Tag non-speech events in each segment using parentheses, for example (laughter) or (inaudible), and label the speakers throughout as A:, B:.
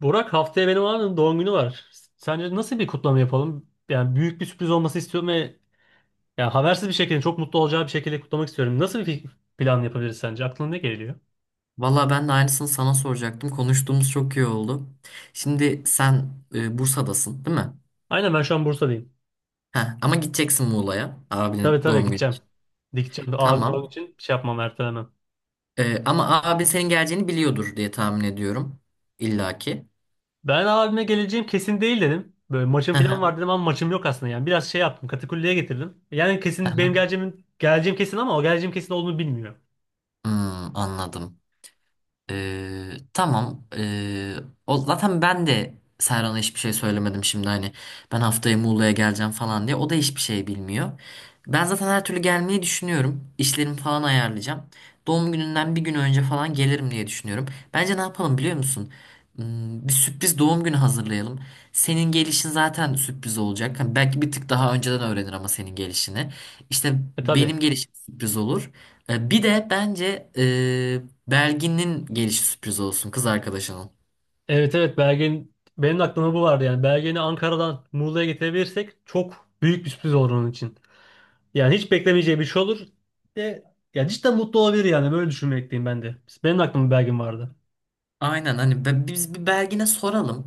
A: Burak haftaya benim abim doğum günü var. Sence nasıl bir kutlama yapalım? Yani büyük bir sürpriz olması istiyorum ve yani habersiz bir şekilde çok mutlu olacağı bir şekilde kutlamak istiyorum. Nasıl bir plan yapabiliriz sence? Aklına ne geliyor?
B: Valla ben de aynısını sana soracaktım. Konuştuğumuz çok iyi oldu. Şimdi sen Bursa'dasın, değil mi?
A: Aynen ben şu an Bursa'dayım.
B: Heh, ama gideceksin Muğla'ya
A: Tabii
B: abinin
A: tabii
B: doğum günü
A: gideceğim.
B: için.
A: Gideceğim. Abim doğum
B: Tamam.
A: için şey yapmam, ertelemem.
B: Ama abi senin geleceğini biliyordur diye tahmin ediyorum. İlla ki.
A: Ben abime geleceğim kesin değil dedim. Böyle maçım
B: Hı
A: falan
B: hı,
A: var dedim ama maçım yok aslında yani. Biraz şey yaptım, katakulliye getirdim. Yani
B: hı
A: kesin benim
B: hı.
A: geleceğim, geleceğim kesin ama o geleceğim kesin olduğunu bilmiyor.
B: Hmm, anladım. Tamam. O zaten ben de Serhan'a hiçbir şey söylemedim şimdi hani ben haftaya Muğla'ya geleceğim falan diye. O da hiçbir şey bilmiyor. Ben zaten her türlü gelmeyi düşünüyorum. İşlerimi falan ayarlayacağım. Doğum gününden bir gün önce falan gelirim diye düşünüyorum. Bence ne yapalım biliyor musun? Bir sürpriz doğum günü hazırlayalım. Senin gelişin zaten sürpriz olacak. Hani belki bir tık daha önceden öğrenir ama senin gelişini. İşte
A: E tabii.
B: benim gelişim sürpriz olur. Bir de bence Belgin'in gelişi sürpriz olsun kız arkadaşının.
A: Evet evet, Belge'nin, benim de aklımda bu vardı yani. Belge'ni Ankara'dan Muğla'ya getirebilirsek çok büyük bir sürpriz olur onun için. Yani hiç beklemeyeceği bir şey olur. De, ya cidden mutlu olabilir yani, böyle düşünmekteyim ben de. Benim de aklımda Belge'm vardı.
B: Aynen hani biz bir Belgin'e soralım.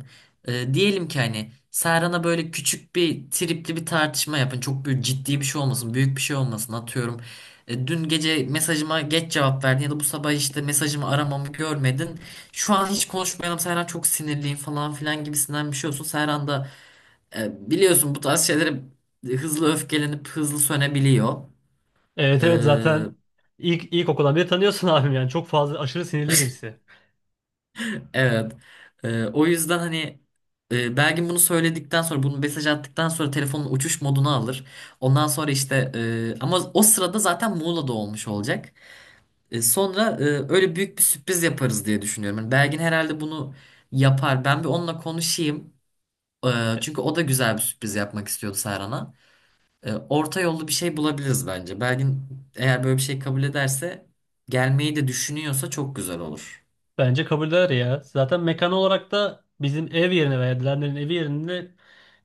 B: Diyelim ki hani Serhan'a böyle küçük bir tripli bir tartışma yapın. Çok büyük ciddi bir şey olmasın, büyük bir şey olmasın atıyorum. Dün gece mesajıma geç cevap verdin ya da bu sabah işte mesajımı aramamı görmedin. Şu an hiç konuşmayalım Serhan çok sinirliyim falan filan gibisinden bir şey olsun. Serhan da biliyorsun bu tarz şeylere hızlı öfkelenip hızlı sönebiliyor.
A: Evet
B: E,
A: evet zaten ilkokuldan beri tanıyorsun (laughs) abim yani çok fazla aşırı sinirli birisi.
B: Evet. O yüzden hani Belgin bunu söyledikten sonra bunu mesaj attıktan sonra telefonun uçuş moduna alır. Ondan sonra işte ama o sırada zaten Muğla'da olmuş olacak. Sonra öyle büyük bir sürpriz yaparız diye düşünüyorum. Yani Belgin herhalde bunu yapar. Ben bir onunla konuşayım. E, çünkü o da güzel bir sürpriz yapmak istiyordu Serhan'a. Orta yollu bir şey bulabiliriz bence. Belgin eğer böyle bir şey kabul ederse gelmeyi de düşünüyorsa çok güzel olur.
A: Bence kabul eder ya. Zaten mekan olarak da bizim ev yerine veya Dilenler'in evi yerinde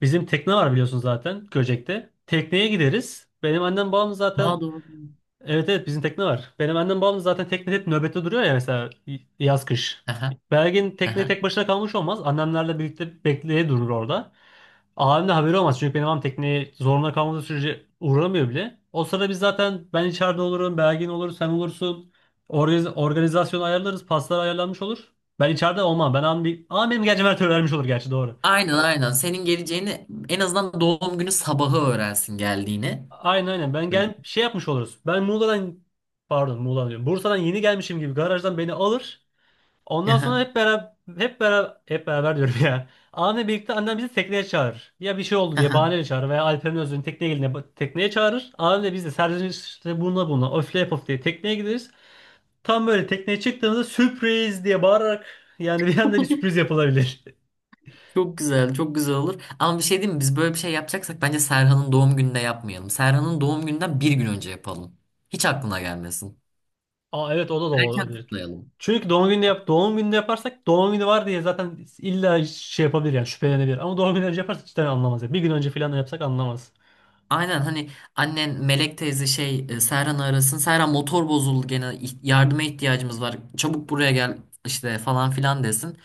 A: bizim tekne var biliyorsun zaten Göcek'te. Tekneye gideriz. Benim annem babam zaten.
B: Aa, doğru.
A: Evet evet bizim tekne var. Benim annem babam da zaten tekne hep nöbette duruyor ya mesela, yaz kış.
B: Aha,
A: Belgin tekneye
B: aha.
A: tek başına kalmış olmaz. Annemlerle birlikte bekleye durur orada. Abim de haberi olmaz. Çünkü benim abim tekneye zorunda kalmadığı sürece uğramıyor bile. O sırada biz zaten ben içeride olurum, Belgin olur, sen olursun. Organizasyonu ayarlarız, paslar ayarlanmış olur. Ben içeride olmam. Ben abim bir... Ama benim gerçi vermiş olur gerçi, doğru.
B: Aynen, aynen. Senin geleceğini en azından doğum günü sabahı öğrensin geldiğini.
A: Aynen aynen. Ben
B: Evet.
A: gel şey yapmış oluruz. Ben Muğla'dan, pardon, Muğla diyorum, Bursa'dan yeni gelmişim gibi garajdan beni alır. Ondan sonra
B: Aha,
A: hep beraber diyorum ya. Anne birlikte annem bizi tekneye çağırır. Ya bir şey oldu diye
B: aha.
A: bahaneyle çağırır veya Alper'in özünün tekneye geline tekneye çağırır. Annem de biz de serzenişte bununla öfle yapıp diye tekneye gideriz. Tam böyle tekneye çıktığımızda sürpriz diye bağırarak yani bir anda bir sürpriz yapılabilir. (laughs)
B: Çok güzel, çok güzel olur. Ama bir şey diyeyim mi? Biz böyle bir şey yapacaksak bence Serhan'ın doğum gününde yapmayalım. Serhan'ın doğum gününden bir gün önce yapalım. Hiç aklına gelmesin.
A: Aa evet, o da
B: Erken
A: olabilir.
B: kutlayalım.
A: Çünkü doğum gününde yaparsak doğum günü var diye zaten illa şey yapabilir yani şüphelenebilir. Ama doğum günü önce yaparsak hiç de anlamaz ya. Bir gün önce falan da yapsak anlamaz.
B: Aynen hani annen Melek teyze şey Serhan'ı arasın. Serhan motor bozuldu gene yardıma ihtiyacımız var. Çabuk buraya gel işte falan filan desin.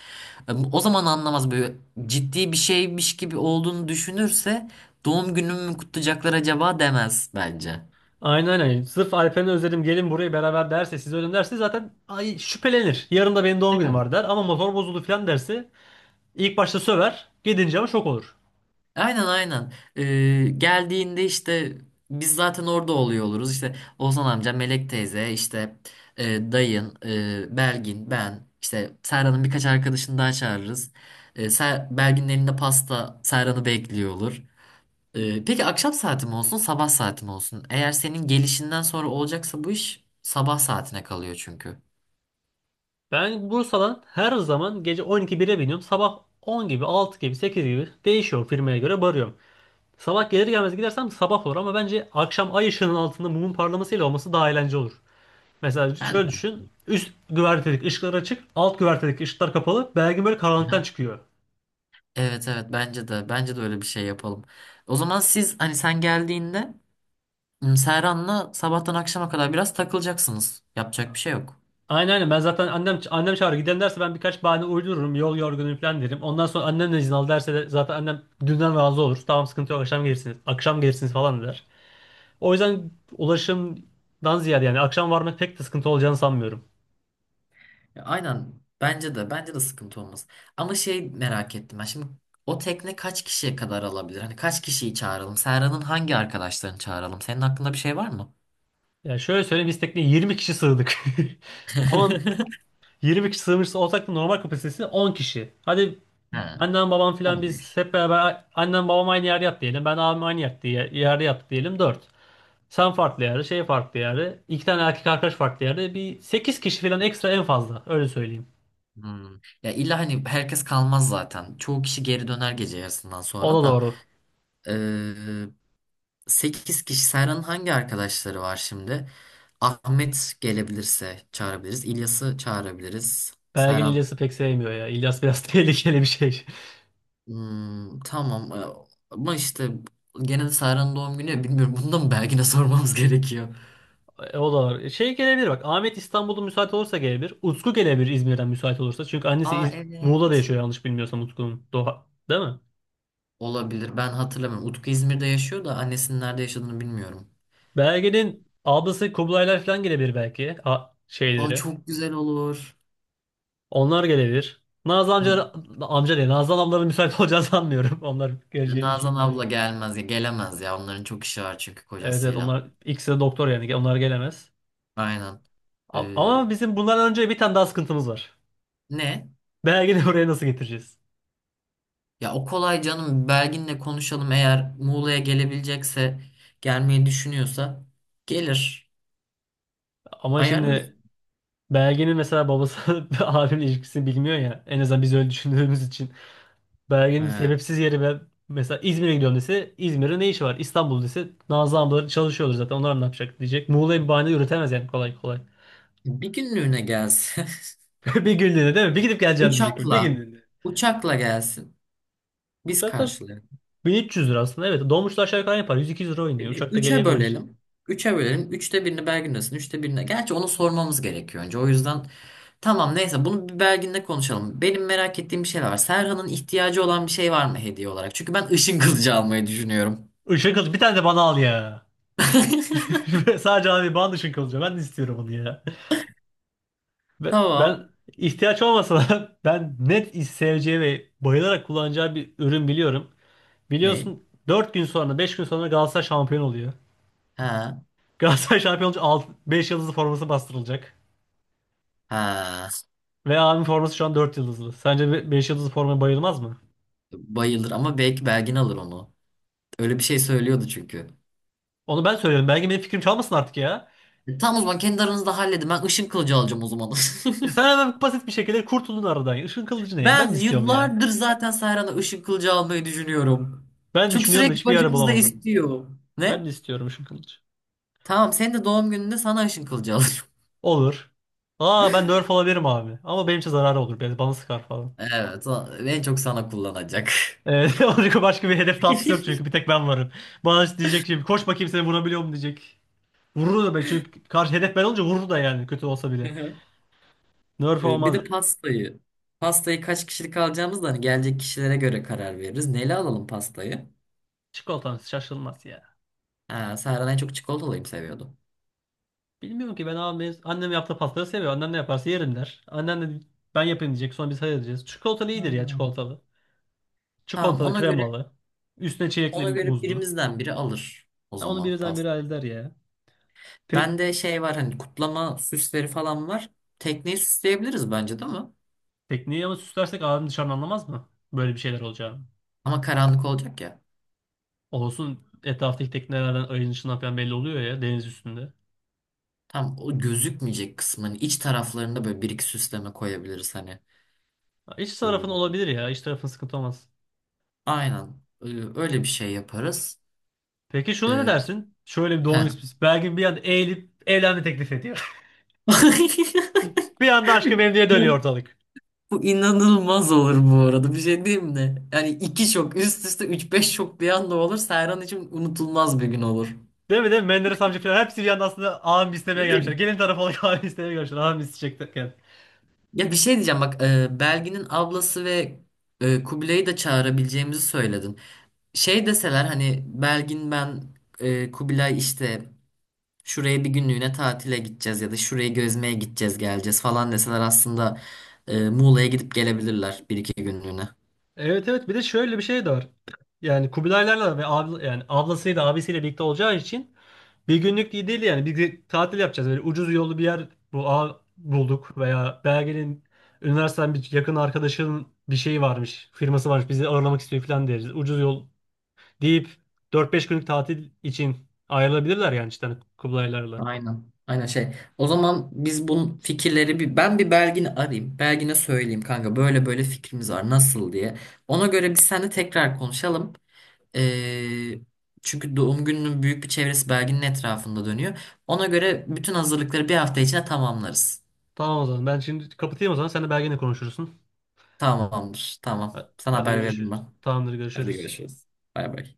B: O zaman anlamaz, böyle ciddi bir şeymiş gibi olduğunu düşünürse doğum günümü mü kutlayacaklar acaba demez bence.
A: Aynen aynen. Sırf Alperen'i özledim, gelin buraya beraber derse, sizi özledim derse zaten, ay, şüphelenir. Yarın da benim doğum günüm
B: Evet.
A: var der ama motor bozuldu falan derse ilk başta söver. Gidince ama şok olur.
B: Aynen, aynen. Geldiğinde işte biz zaten orada oluyor oluruz. İşte Ozan amca, Melek teyze, işte dayın, Belgin, ben, işte Serhan'ın birkaç arkadaşını daha çağırırız. Belgin'in elinde pasta Serhan'ı bekliyor olur. Peki akşam saati mi olsun, sabah saati mi olsun? Eğer senin gelişinden sonra olacaksa bu iş sabah saatine kalıyor çünkü.
A: Ben Bursa'dan her zaman gece 12-1'e biniyorum. Sabah 10 gibi, 6 gibi, 8 gibi değişiyor, firmaya göre varıyorum. Sabah gelir gelmez gidersem sabah olur ama bence akşam ay ışığının altında mumun parlamasıyla olması daha eğlenceli olur. Mesela
B: Ben
A: şöyle
B: de.
A: düşün. Üst güvertedeki ışıklar açık, alt güvertedeki ışıklar kapalı. Belki böyle karanlıktan
B: Aha.
A: çıkıyor.
B: Evet, evet, bence de bence de öyle bir şey yapalım. O zaman siz hani sen geldiğinde Serhan'la sabahtan akşama kadar biraz takılacaksınız. Yapacak bir şey yok.
A: Aynen aynen, ben zaten annem çağırır gidelim derse ben birkaç bahane uydururum, yol yorgunum falan derim. Ondan sonra annem de izin al derse de zaten annem dünden razı olur. Tamam sıkıntı yok, akşam gelirsiniz, akşam gelirsiniz falan der. O yüzden ulaşımdan ziyade yani akşam varmak pek de sıkıntı olacağını sanmıyorum.
B: Ya, aynen, bence de bence de sıkıntı olmaz. Ama şey, merak ettim ben şimdi, o tekne kaç kişiye kadar alabilir? Hani kaç kişiyi çağıralım? Serhan'ın hangi arkadaşlarını çağıralım? Senin aklında bir şey var mı?
A: Yani şöyle söyleyeyim, biz tekneye 20 kişi sığdık. (laughs) Ama
B: (laughs)
A: 20 kişi sığmış olsak da normal kapasitesi 10 kişi. Hadi
B: Ha,
A: annem babam falan biz
B: 15.
A: hep beraber, annem babam aynı yerde yat diyelim, ben abim aynı yerde, yerde yat diyelim, 4. Sen farklı yerde, şey farklı yerde, iki tane erkek arkadaş farklı yerde. Bir 8 kişi falan ekstra en fazla. Öyle söyleyeyim.
B: Hmm. Ya illa hani herkes kalmaz zaten. Çoğu kişi geri döner gece yarısından
A: O
B: sonra
A: da
B: da.
A: doğru.
B: Ee, 8 kişi. Serhan'ın hangi arkadaşları var şimdi? Ahmet gelebilirse çağırabiliriz. İlyas'ı çağırabiliriz.
A: Belgin
B: Serhan.
A: İlyas'ı pek sevmiyor ya. İlyas biraz (laughs) tehlikeli bir şey.
B: Hmm, tamam. Ama işte gene de Serhan'ın doğum günü. Bilmiyorum. Bunu da mı Belgin'e (laughs) sormamız gerekiyor?
A: E, o da var. E, şey gelebilir bak. Ahmet İstanbul'da müsait olursa gelebilir. Utku gelebilir İzmir'den müsait olursa. Çünkü annesi
B: Aa,
A: Muğla'da
B: evet.
A: yaşıyor yanlış bilmiyorsam Utku'nun. Doğa. Değil mi?
B: Olabilir. Ben hatırlamıyorum. Utku İzmir'de yaşıyor da annesinin nerede yaşadığını bilmiyorum.
A: Belgen'in ablası Kublaylar falan gelebilir belki.
B: Aa,
A: Şeyleri.
B: çok güzel olur.
A: Onlar gelebilir. Nazlı amca, amca değil, Nazlı ablaların müsait olacağını sanmıyorum. (laughs) Onlar geleceğini
B: Nazan
A: düşünmüyorum.
B: abla gelmez ya, gelemez ya, onların çok işi var çünkü
A: Evet evet,
B: kocasıyla.
A: onlar ikisi de doktor yani, onlar gelemez.
B: Aynen. Ee,
A: Ama bizim bundan önce bir tane daha sıkıntımız var.
B: ne?
A: Belgin'i (laughs) oraya nasıl getireceğiz?
B: Ya o kolay canım, Belgin'le konuşalım, eğer Muğla'ya gelebilecekse gelmeyi düşünüyorsa gelir.
A: Ama
B: Ayarlarız.
A: şimdi belgenin mesela babası (laughs) abimle ilişkisini bilmiyor ya. En azından biz öyle düşündüğümüz için. Belgenin
B: He.
A: sebepsiz yeri ve mesela İzmir'e gidiyorum dese, İzmir'de ne işi var? İstanbul dese, Nazlı ablaları çalışıyordur zaten, onlar ne yapacak diyecek. Muğla'ya bir bahane üretemez yani kolay kolay.
B: Bir günlüğüne gelsin.
A: (laughs) Bir günlüğüne değil mi? Bir gidip
B: (laughs)
A: geleceğim diyecek, böyle, bir
B: Uçakla
A: günlüğüne.
B: uçakla gelsin. Biz
A: Uçakta
B: karşılayalım.
A: 1300 lira aslında, evet. Dolmuşlar aşağı yukarı yapar, 100-200 lira oynuyor. Uçakta
B: Üçe
A: gelebilir.
B: bölelim. Üçe bölelim. Üçte birini Belgin'desin. Üçte birine. Gerçi onu sormamız gerekiyor önce. O yüzden tamam, neyse, bunu bir Belgin'le konuşalım. Benim merak ettiğim bir şeyler var. Serhan'ın ihtiyacı olan bir şey var mı hediye olarak? Çünkü ben ışın kılıcı almayı düşünüyorum.
A: Işın kılıcı bir tane de bana al ya.
B: (laughs)
A: (laughs) Sadece abi bana ışın kılıcı. Ben de istiyorum onu ya. Ben,
B: Tamam.
A: ben ihtiyaç olmasa da (laughs) ben net seveceği ve bayılarak kullanacağı bir ürün biliyorum.
B: Ne?
A: Biliyorsun 4 gün sonra, 5 gün sonra Galatasaray şampiyon oluyor.
B: Ha.
A: (laughs) Galatasaray şampiyon olunca beş yıldızlı forması bastırılacak.
B: Ha.
A: Ve abim forması şu an 4 yıldızlı. Sence 5 yıldızlı formaya bayılmaz mı?
B: Bayılır, ama belki Belgin alır onu. Öyle bir şey söylüyordu çünkü.
A: Onu ben söylüyorum. Belki benim fikrim çalmasın artık ya.
B: Tamam, o zaman kendi aranızda halledin. Ben ışın kılıcı alacağım o zaman. (laughs)
A: E sen hemen basit bir şekilde kurtuldun aradan. Işın kılıcı ne ya? Ben de
B: Ben
A: istiyorum ya.
B: yıllardır zaten Sayran'a ışın kılıcı almayı düşünüyorum.
A: Ben
B: Çünkü
A: düşünüyorum da
B: sürekli
A: hiçbir yerde
B: başımızda
A: bulamadım.
B: istiyor.
A: Ben
B: Ne?
A: de istiyorum ışın kılıcı.
B: Tamam, senin de doğum gününde sana ışın kılıcı alırım. (laughs)
A: Olur. Aa ben nerf olabilirim abi. Ama benim için zararı olur. Beni bana sıkar falan.
B: Evet, en çok sana kullanacak.
A: Evet, (laughs) başka başka bir hedef tatlısı yok
B: (laughs)
A: çünkü bir tek ben varım. Bana işte diyecek şimdi, koş bakayım seni vurabiliyor mu diyecek. Vurur da belki çünkü karşı hedef ben olunca vurur da yani, kötü olsa bile.
B: Hı.
A: Nerf
B: Bir
A: olmaz.
B: de pastayı. Pastayı kaç kişilik alacağımız da hani gelecek kişilere göre karar veririz. Neyle alalım pastayı?
A: Çikolatan şaşılmaz ya.
B: Ha, Sayran en çok çikolatalıyı seviyordu.
A: Bilmiyorum ki ben abi, annem yaptığı pastaları seviyor. Annem ne yaparsa yerim der. Annem de ben yapayım diyecek, sonra biz hayır diyeceğiz. Çikolatalı iyidir ya,
B: Hmm.
A: çikolatalı.
B: Tamam,
A: Çikolatalı
B: ona göre
A: kremalı. Üstüne çilekli
B: ona göre
A: muzlu.
B: birimizden biri alır o
A: Ya onu
B: zaman.
A: birden biri halleder ya. Pek.
B: Bende şey var, hani kutlama süsleri falan var. Tekneyi süsleyebiliriz bence, değil mi?
A: Tekneyi ama süslersek adam dışarıdan anlamaz mı, böyle bir şeyler olacağını?
B: Ama karanlık olacak ya.
A: Olsun, etraftaki teknelerden, ayın ışığından falan belli oluyor ya deniz üstünde.
B: Tam o gözükmeyecek kısmın iç taraflarında böyle bir iki süsleme koyabiliriz hani.
A: Ha, İç tarafın
B: Ee,
A: olabilir ya. İç tarafın sıkıntı olmaz.
B: Aynen. Ee, Öyle bir şey yaparız.
A: Peki şuna ne
B: Ee,
A: dersin? Şöyle bir doğum
B: heh.
A: ismi. Belki bir anda eğilip evlenme teklif ediyor. (laughs)
B: (laughs)
A: Bir anda aşkı memnuniyete dönüyor
B: Bu,
A: ortalık.
B: bu inanılmaz olur bu arada. Bir şey diyeyim mi? Yani iki şok üst üste, üç beş şok bir anda olur. Serhan için unutulmaz bir gün olur.
A: Değil mi, değil mi? Menderes amca falan hepsi bir anda aslında ağam istemeye gelmişler.
B: (laughs)
A: Gelin tarafı olarak (laughs) ağam istemeye gelmişler. Ağam isteyecekken.
B: Ya bir şey diyeceğim bak, Belgin'in ablası ve Kubilay'ı da çağırabileceğimizi söyledin. Şey deseler hani Belgin, ben Kubilay işte şuraya bir günlüğüne tatile gideceğiz ya da şurayı gezmeye gideceğiz geleceğiz falan deseler aslında Muğla'ya gidip gelebilirler bir iki günlüğüne.
A: Evet evet, bir de şöyle bir şey de var. Yani Kubilaylarla ve abla, yani ablasıyla abisiyle birlikte olacağı için bir günlük iyi değil yani. Bir tatil yapacağız. Böyle ucuz yollu bir yer bu a bulduk veya Belge'nin üniversiteden bir yakın arkadaşının bir şeyi varmış, firması varmış, bizi ağırlamak istiyor falan deriz. Ucuz yol deyip dört beş günlük tatil için ayrılabilirler yani, işte hani Kubilaylarla.
B: Aynen. Aynen şey. O zaman biz bunun fikirleri bir ben bir Belgin'i arayayım. Belgin'e söyleyeyim, kanka böyle böyle fikrimiz var nasıl diye. Ona göre biz seninle tekrar konuşalım. Ee, çünkü doğum gününün büyük bir çevresi Belgin'in etrafında dönüyor. Ona göre bütün hazırlıkları bir hafta içinde tamamlarız.
A: Tamam o zaman. Ben şimdi kapatayım o zaman. Sen de Belge'yle konuşursun.
B: Tamamdır. Tamam. Sana
A: Hadi
B: haber veririm
A: görüşürüz.
B: ben.
A: Tamamdır,
B: Hadi
A: görüşürüz.
B: görüşürüz. Bay bay.